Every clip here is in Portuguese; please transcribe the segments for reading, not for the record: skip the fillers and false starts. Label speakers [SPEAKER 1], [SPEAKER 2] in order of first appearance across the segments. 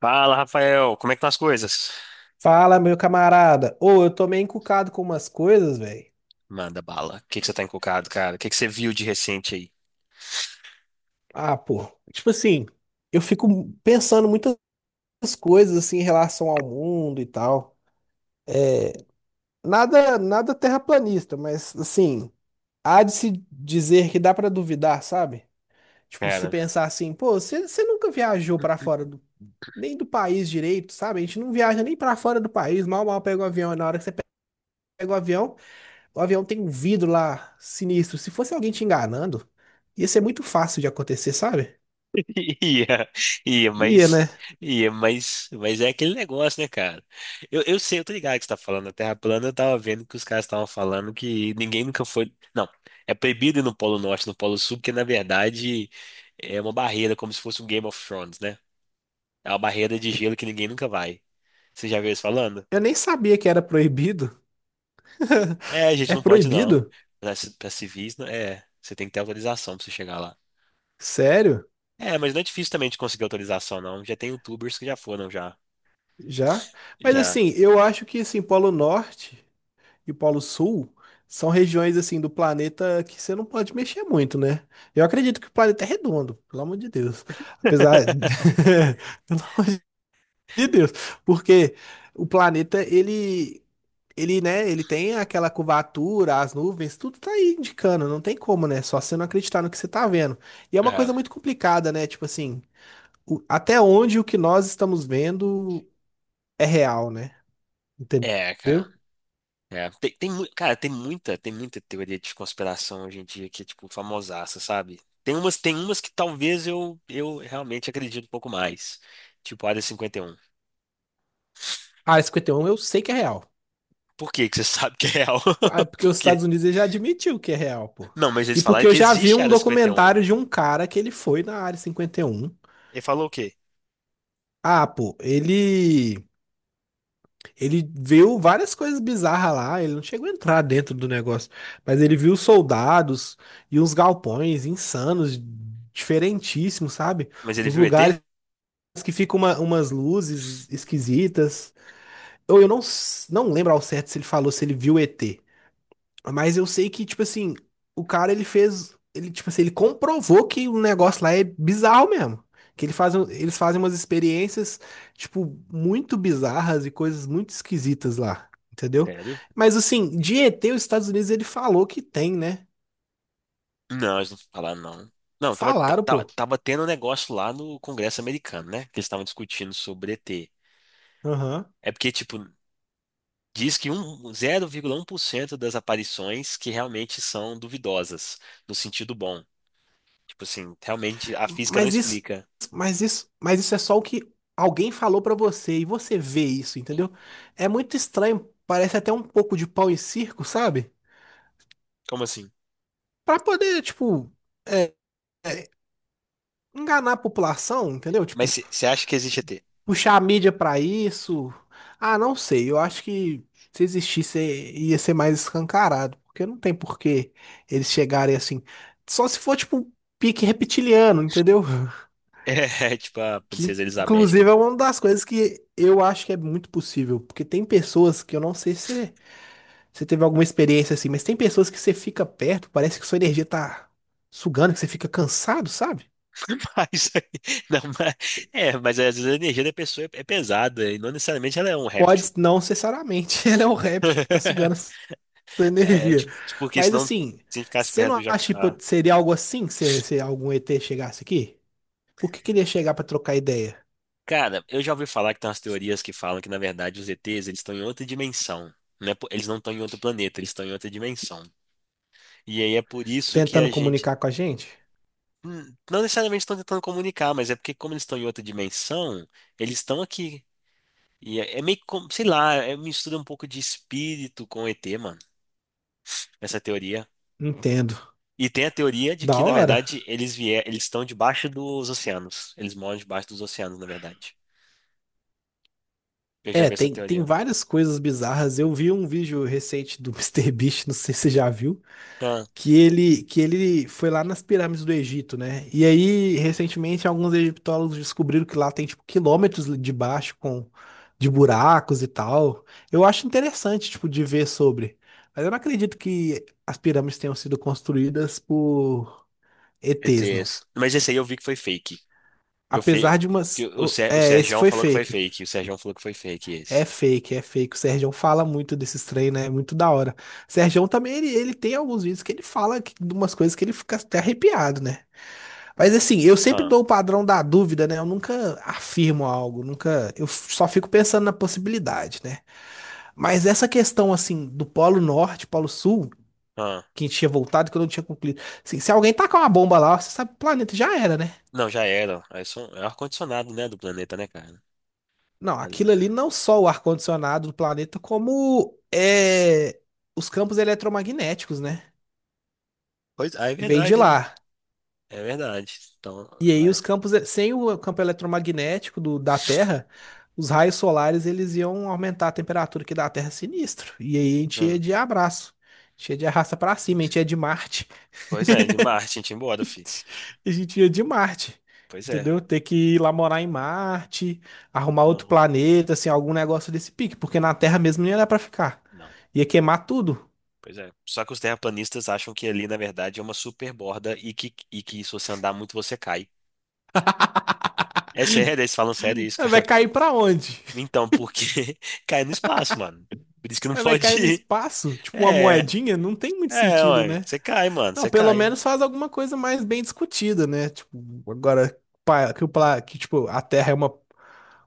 [SPEAKER 1] Fala, Rafael, como é que estão as coisas?
[SPEAKER 2] Fala, meu camarada. Ô, eu tô meio encucado com umas coisas, velho.
[SPEAKER 1] Manda bala. O que você tá encucado, cara? O que você viu de recente aí?
[SPEAKER 2] Ah, pô. Tipo assim, eu fico pensando muitas coisas assim em relação ao mundo e tal. Nada, nada terraplanista, mas assim, há de se dizer que dá pra duvidar, sabe? Tipo, se
[SPEAKER 1] Cara,
[SPEAKER 2] pensar assim, pô, você nunca viajou pra fora do, nem do país direito, sabe? A gente não viaja nem pra fora do país, mal pega o avião. E na hora que você pega o avião, o avião tem um vidro lá sinistro. Se fosse alguém te enganando, ia ser muito fácil de acontecer, sabe?
[SPEAKER 1] ia, ia,
[SPEAKER 2] Ia,
[SPEAKER 1] mas,
[SPEAKER 2] né?
[SPEAKER 1] ia, mas, é aquele negócio, né, cara? Eu sei, eu tô ligado que você tá falando da Terra plana, eu tava vendo que os caras estavam falando que ninguém nunca foi. Não, é proibido ir no Polo Norte, no Polo Sul, porque na verdade é uma barreira, como se fosse um Game of Thrones, né? É uma barreira de gelo que ninguém nunca vai. Você já viu isso falando?
[SPEAKER 2] Eu nem sabia que era proibido.
[SPEAKER 1] É, a gente
[SPEAKER 2] É
[SPEAKER 1] não pode não.
[SPEAKER 2] proibido?
[SPEAKER 1] Pra civis, é, você tem que ter autorização para você chegar lá.
[SPEAKER 2] Sério?
[SPEAKER 1] É, mas não é difícil também de conseguir autorização, não. Já tem youtubers que já foram, já.
[SPEAKER 2] Já? Mas
[SPEAKER 1] Já.
[SPEAKER 2] assim, eu acho que assim, Polo Norte e Polo Sul são regiões assim do planeta que você não pode mexer muito, né? Eu acredito que o planeta é redondo, pelo amor de Deus. Apesar, pelo amor de Deus, porque o planeta ele tem aquela curvatura, as nuvens, tudo tá aí indicando, não tem como, né? Só você não acreditar no que você tá vendo. E é uma
[SPEAKER 1] É,
[SPEAKER 2] coisa muito complicada, né? Tipo assim, até onde o que nós estamos vendo é real, né?
[SPEAKER 1] é, cara.
[SPEAKER 2] Entendeu?
[SPEAKER 1] É, cara, tem muita teoria de conspiração hoje em dia que é, tipo, famosaça, sabe? Tem umas que talvez eu realmente acredito um pouco mais. Tipo, a Área 51.
[SPEAKER 2] A Área 51 eu sei que é real.
[SPEAKER 1] Por que que você sabe que é real?
[SPEAKER 2] Ah, porque
[SPEAKER 1] Por
[SPEAKER 2] os
[SPEAKER 1] quê?
[SPEAKER 2] Estados Unidos ele já admitiu que é real, pô.
[SPEAKER 1] Não, mas eles
[SPEAKER 2] E
[SPEAKER 1] falaram
[SPEAKER 2] porque eu
[SPEAKER 1] que
[SPEAKER 2] já vi
[SPEAKER 1] existe a
[SPEAKER 2] um
[SPEAKER 1] Área 51.
[SPEAKER 2] documentário de um cara que ele foi na Área 51.
[SPEAKER 1] Ele falou o quê?
[SPEAKER 2] Ah, pô, ele viu várias coisas bizarras lá, ele não chegou a entrar dentro do negócio, mas ele viu soldados e uns galpões insanos, diferentíssimos, sabe?
[SPEAKER 1] Mas ele
[SPEAKER 2] Uns
[SPEAKER 1] viu ET?
[SPEAKER 2] lugares que ficam umas luzes esquisitas. Eu não, s- Não lembro ao certo se ele falou se ele viu ET, mas eu sei que, tipo assim, o cara ele fez. Ele, tipo assim, ele comprovou que o negócio lá é bizarro mesmo. Que ele faz, um- Eles fazem umas experiências, tipo, muito bizarras e coisas muito esquisitas lá, entendeu?
[SPEAKER 1] Sério?
[SPEAKER 2] Mas assim, de ET, os Estados Unidos ele falou que tem, né?
[SPEAKER 1] Não, eles não falaram, não. Não, tava,
[SPEAKER 2] Falaram, pô.
[SPEAKER 1] tava tendo um negócio lá no Congresso americano, né? Que eles estavam discutindo sobre ET.
[SPEAKER 2] Aham.
[SPEAKER 1] É porque, tipo, diz que um, 0,1% das aparições que realmente são duvidosas, no sentido bom. Tipo assim, realmente a física não
[SPEAKER 2] Mas isso,
[SPEAKER 1] explica.
[SPEAKER 2] mas isso é só o que alguém falou pra você e você vê isso, entendeu? É muito estranho, parece até um pouco de pau em circo, sabe?
[SPEAKER 1] Como assim?
[SPEAKER 2] Pra poder, tipo, é, é, enganar a população, entendeu?
[SPEAKER 1] Mas
[SPEAKER 2] Tipo,
[SPEAKER 1] você acha que existe ET?
[SPEAKER 2] puxar a mídia pra isso. Ah, não sei. Eu acho que se existisse ia ser mais escancarado, porque não tem por que eles chegarem assim. Só se for tipo um pique reptiliano, entendeu?
[SPEAKER 1] É, tipo a
[SPEAKER 2] Que
[SPEAKER 1] princesa Elizabeth, que
[SPEAKER 2] inclusive
[SPEAKER 1] eles
[SPEAKER 2] é
[SPEAKER 1] falam.
[SPEAKER 2] uma das coisas que eu acho que é muito possível, porque tem pessoas que eu não sei se você teve alguma experiência assim, mas tem pessoas que você fica perto, parece que sua energia tá sugando, que você fica cansado, sabe?
[SPEAKER 1] Mas, aí- não, mas, é, mas às vezes a energia da pessoa é, é pesada e não necessariamente ela é um réptil.
[SPEAKER 2] Pode não necessariamente, ela é um réptil que tá sugando a sua
[SPEAKER 1] É, é
[SPEAKER 2] energia.
[SPEAKER 1] tipo, porque
[SPEAKER 2] Mas
[SPEAKER 1] senão
[SPEAKER 2] assim,
[SPEAKER 1] se ficasse
[SPEAKER 2] você
[SPEAKER 1] perto do
[SPEAKER 2] não acha que
[SPEAKER 1] jacaré.
[SPEAKER 2] pode, seria algo assim se algum ET chegasse aqui? Por que queria chegar pra trocar ideia?
[SPEAKER 1] Cara, eu já ouvi falar que tem umas teorias que falam que, na verdade, os ETs, eles estão em outra dimensão. Eles não estão em outro planeta, eles estão em outra dimensão. E aí é por isso que
[SPEAKER 2] Tentando
[SPEAKER 1] a gente.
[SPEAKER 2] comunicar com a gente?
[SPEAKER 1] Não necessariamente estão tentando comunicar, mas é porque, como eles estão em outra dimensão, eles estão aqui. E é meio que, sei lá, é, mistura um pouco de espírito com ET, mano, essa teoria.
[SPEAKER 2] Entendo.
[SPEAKER 1] E tem a teoria de
[SPEAKER 2] Da
[SPEAKER 1] que, na
[SPEAKER 2] hora?
[SPEAKER 1] verdade, eles estão debaixo dos oceanos. Eles moram debaixo dos oceanos, na verdade. Eu já
[SPEAKER 2] É,
[SPEAKER 1] vi essa
[SPEAKER 2] tem, tem
[SPEAKER 1] teoria.
[SPEAKER 2] várias coisas bizarras. Eu vi um vídeo recente do Mister MrBeast, não sei se você já viu,
[SPEAKER 1] Ah,
[SPEAKER 2] que ele foi lá nas pirâmides do Egito, né? E aí, recentemente, alguns egiptólogos descobriram que lá tem tipo quilômetros de baixo com de buracos e tal. Eu acho interessante tipo de ver sobre, mas eu não acredito que as pirâmides tenham sido construídas por ETs, não.
[SPEAKER 1] ETS. Mas esse aí eu vi que foi fake. Eu vi
[SPEAKER 2] Apesar de
[SPEAKER 1] que
[SPEAKER 2] umas, o-
[SPEAKER 1] O
[SPEAKER 2] é, esse
[SPEAKER 1] Serjão
[SPEAKER 2] foi
[SPEAKER 1] falou que foi
[SPEAKER 2] fake.
[SPEAKER 1] fake. O Serjão falou que foi fake
[SPEAKER 2] É
[SPEAKER 1] esse.
[SPEAKER 2] fake, é fake. O Sergião fala muito desses trem, né? É muito da hora. O Sergião também, ele tem alguns vídeos que ele fala que, de umas coisas que ele fica até arrepiado, né? Mas assim, eu sempre
[SPEAKER 1] Ah,
[SPEAKER 2] dou o padrão da dúvida, né? Eu nunca afirmo algo, nunca. Eu só fico pensando na possibilidade, né? Mas essa questão, assim, do Polo Norte, Polo Sul,
[SPEAKER 1] ah.
[SPEAKER 2] que tinha voltado, que eu não tinha concluído. Assim, se alguém tacar uma bomba lá, você sabe, o planeta já era, né?
[SPEAKER 1] Não, já era. É ar-condicionado, né, do planeta, né, cara?
[SPEAKER 2] Não,
[SPEAKER 1] Aí-
[SPEAKER 2] aquilo ali não só o ar-condicionado do planeta, como é, os campos eletromagnéticos, né?
[SPEAKER 1] Pois, ah, é
[SPEAKER 2] Vem de
[SPEAKER 1] verdade, né?
[SPEAKER 2] lá.
[SPEAKER 1] É verdade. Então,
[SPEAKER 2] E aí os
[SPEAKER 1] lá-
[SPEAKER 2] campos, sem o campo eletromagnético da Terra, os raios solares eles iam aumentar a temperatura aqui da Terra sinistro. E aí a gente ia
[SPEAKER 1] hum.
[SPEAKER 2] de abraço, a gente ia de arrasta pra cima, a gente ia de Marte,
[SPEAKER 1] Pois é, de Marte, a gente ia embora, fi.
[SPEAKER 2] a gente ia de Marte,
[SPEAKER 1] Pois é.
[SPEAKER 2] entendeu? Ter que ir lá morar em Marte, arrumar outro
[SPEAKER 1] Então,
[SPEAKER 2] planeta, assim, algum negócio desse pique, porque na Terra mesmo não ia dar pra ficar.
[SPEAKER 1] não.
[SPEAKER 2] Ia queimar tudo.
[SPEAKER 1] Pois é. Só que os terraplanistas acham que ali, na verdade, é uma super borda e que se você andar muito, você cai. É sério, eles falam sério isso,
[SPEAKER 2] Vai
[SPEAKER 1] cara.
[SPEAKER 2] cair pra onde?
[SPEAKER 1] Então, porque cai no espaço, mano. Por isso que não
[SPEAKER 2] Vai
[SPEAKER 1] pode
[SPEAKER 2] cair no
[SPEAKER 1] ir.
[SPEAKER 2] espaço? Tipo uma
[SPEAKER 1] É,
[SPEAKER 2] moedinha? Não tem muito
[SPEAKER 1] é,
[SPEAKER 2] sentido,
[SPEAKER 1] ué.
[SPEAKER 2] né?
[SPEAKER 1] Você cai, mano,
[SPEAKER 2] Não,
[SPEAKER 1] você
[SPEAKER 2] pelo
[SPEAKER 1] cai.
[SPEAKER 2] menos faz alguma coisa mais bem discutida, né? Tipo, agora pa- que, o, pla- que tipo, a Terra é uma,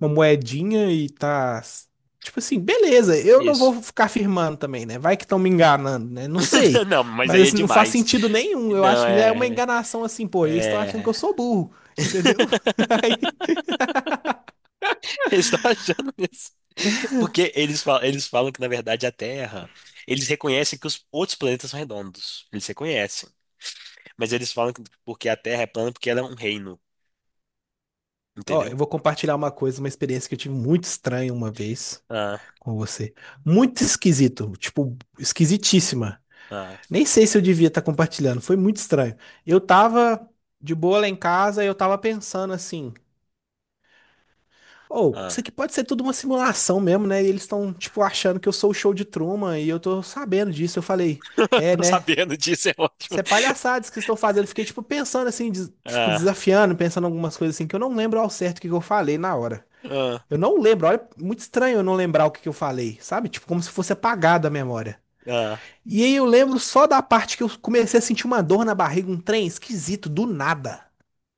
[SPEAKER 2] uma moedinha e tá. Tipo assim, beleza, eu não
[SPEAKER 1] Isso.
[SPEAKER 2] vou ficar afirmando também, né? Vai que estão me enganando, né? Não sei.
[SPEAKER 1] Não, mas
[SPEAKER 2] Mas
[SPEAKER 1] aí é
[SPEAKER 2] assim, não faz
[SPEAKER 1] demais.
[SPEAKER 2] sentido nenhum. Eu
[SPEAKER 1] Não,
[SPEAKER 2] acho que já é uma
[SPEAKER 1] é.
[SPEAKER 2] enganação assim, pô, eles estão achando que
[SPEAKER 1] É.
[SPEAKER 2] eu sou burro, entendeu? Aí,
[SPEAKER 1] Eles estão achando isso. Porque eles falam que, na verdade, a Terra. Eles reconhecem que os outros planetas são redondos. Eles reconhecem. Mas eles falam que porque a Terra é plana porque ela é um reino.
[SPEAKER 2] ó, eu
[SPEAKER 1] Entendeu?
[SPEAKER 2] vou compartilhar uma coisa, uma experiência que eu tive muito estranha uma vez
[SPEAKER 1] Ah,
[SPEAKER 2] com você. Muito esquisito, tipo, esquisitíssima.
[SPEAKER 1] ah,
[SPEAKER 2] Nem sei se eu devia estar compartilhando, foi muito estranho. Eu tava de boa lá em casa e eu tava pensando assim: ou isso
[SPEAKER 1] ah.
[SPEAKER 2] aqui pode ser tudo uma simulação mesmo, né? E eles estão, tipo, achando que eu sou o show de Truman e eu tô sabendo disso. Eu falei: é,
[SPEAKER 1] Tô
[SPEAKER 2] né?
[SPEAKER 1] sabendo disso, é ótimo.
[SPEAKER 2] Isso é palhaçadas que estão fazendo. Eu fiquei, tipo, pensando assim, tipo,
[SPEAKER 1] Ah,
[SPEAKER 2] desafiando, pensando algumas coisas assim, que eu não lembro ao certo o que que eu falei na hora.
[SPEAKER 1] ah.
[SPEAKER 2] Eu não lembro, olha, muito estranho eu não lembrar o que que eu falei, sabe? Tipo, como se fosse apagado a memória.
[SPEAKER 1] Ah,
[SPEAKER 2] E aí eu lembro só da parte que eu comecei a sentir uma dor na barriga, um trem esquisito, do nada.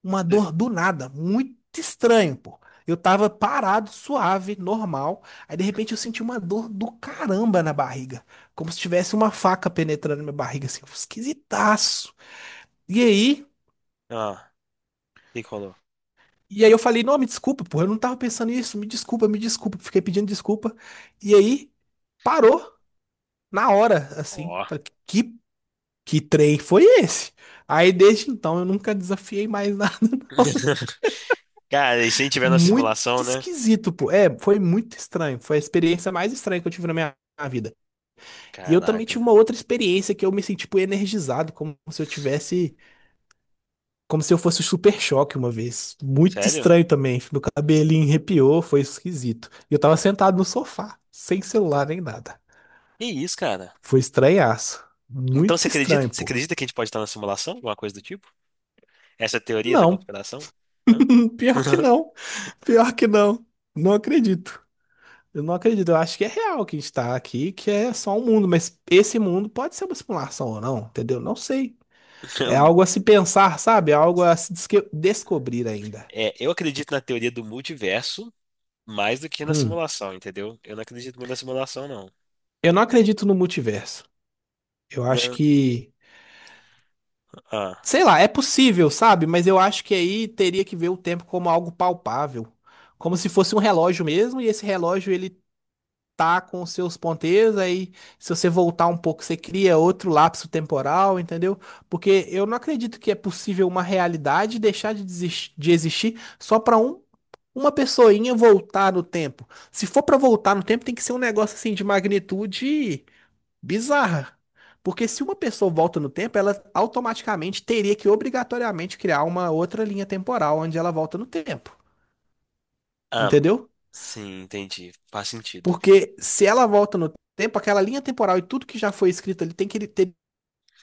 [SPEAKER 2] Uma dor do nada, muito estranho, pô. Eu tava parado, suave, normal. Aí de repente eu senti uma dor do caramba na barriga. Como se tivesse uma faca penetrando na minha barriga, assim, esquisitaço. E aí,
[SPEAKER 1] ah, e colou.
[SPEAKER 2] e aí eu falei, não, me desculpa, pô, eu não tava pensando nisso, me desculpa, me desculpa. Fiquei pedindo desculpa. E aí, parou na hora, assim.
[SPEAKER 1] Ó.
[SPEAKER 2] Falei, que trem foi esse? Aí desde então eu nunca desafiei mais nada.
[SPEAKER 1] Cara, e se tiver na
[SPEAKER 2] Muito
[SPEAKER 1] simulação, né?
[SPEAKER 2] esquisito, pô. É, foi muito estranho. Foi a experiência mais estranha que eu tive na minha na vida. E eu também
[SPEAKER 1] Caraca.
[SPEAKER 2] tive uma outra experiência que eu me senti, tipo, energizado, como se eu tivesse, como se eu fosse o Super Choque uma vez. Muito
[SPEAKER 1] Sério?
[SPEAKER 2] estranho também. Meu cabelinho arrepiou, foi esquisito. E eu tava sentado no sofá, sem celular nem nada.
[SPEAKER 1] Que isso, cara?
[SPEAKER 2] Foi estranhaço.
[SPEAKER 1] Então você
[SPEAKER 2] Muito
[SPEAKER 1] acredita?
[SPEAKER 2] estranho,
[SPEAKER 1] Você
[SPEAKER 2] pô.
[SPEAKER 1] acredita que a gente pode estar na simulação? Alguma coisa do tipo? Essa é a teoria da
[SPEAKER 2] Não,
[SPEAKER 1] conspiração? Hã?
[SPEAKER 2] pior que não. Pior que não. Não acredito. Eu não acredito, eu acho que é real que a gente tá aqui, que é só um mundo, mas esse mundo pode ser uma simulação ou não, entendeu? Não sei. É algo a se pensar, sabe? É algo a se desque- descobrir ainda.
[SPEAKER 1] É, eu acredito na teoria do multiverso mais do que na
[SPEAKER 2] Hum.
[SPEAKER 1] simulação, entendeu? Eu não acredito muito na simulação, não.
[SPEAKER 2] Eu não acredito no multiverso. Eu acho
[SPEAKER 1] Não.
[SPEAKER 2] que,
[SPEAKER 1] Ah,
[SPEAKER 2] sei lá, é possível, sabe? Mas eu acho que aí teria que ver o tempo como algo palpável, como se fosse um relógio mesmo, e esse relógio ele tá com seus ponteiros, aí se você voltar um pouco, você cria outro lapso temporal, entendeu? Porque eu não acredito que é possível uma realidade deixar de, de existir só para um, uma pessoinha voltar no tempo. Se for para voltar no tempo, tem que ser um negócio assim de magnitude bizarra. Porque se uma pessoa volta no tempo, ela automaticamente teria que obrigatoriamente criar uma outra linha temporal onde ela volta no tempo.
[SPEAKER 1] ah,
[SPEAKER 2] Entendeu?
[SPEAKER 1] sim, entendi. Faz sentido.
[SPEAKER 2] Porque se ela volta no tempo, aquela linha temporal e tudo que já foi escrito ali tem que ter,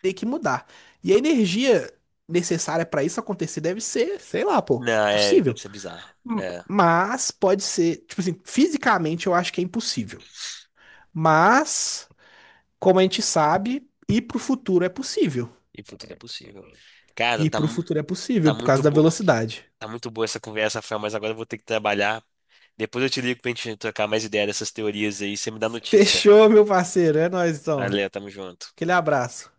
[SPEAKER 2] tem que mudar. E a energia necessária pra isso acontecer deve ser, sei lá, pô,
[SPEAKER 1] Não, é, deve
[SPEAKER 2] possível.
[SPEAKER 1] ser bizarro. É,
[SPEAKER 2] Mas pode ser, tipo assim, fisicamente eu acho que é impossível. Mas, como a gente sabe, ir pro futuro é possível.
[SPEAKER 1] e tudo é possível. Cara,
[SPEAKER 2] Ir
[SPEAKER 1] tá.
[SPEAKER 2] pro futuro é possível
[SPEAKER 1] Tá
[SPEAKER 2] por
[SPEAKER 1] muito
[SPEAKER 2] causa da
[SPEAKER 1] boa,
[SPEAKER 2] velocidade.
[SPEAKER 1] tá muito boa essa conversa, Rafael, mas agora eu vou ter que trabalhar. Depois eu te ligo pra gente trocar mais ideia dessas teorias aí, você me dá notícia.
[SPEAKER 2] Fechou, meu parceiro. É nóis, então.
[SPEAKER 1] Valeu, tamo junto.
[SPEAKER 2] Aquele abraço.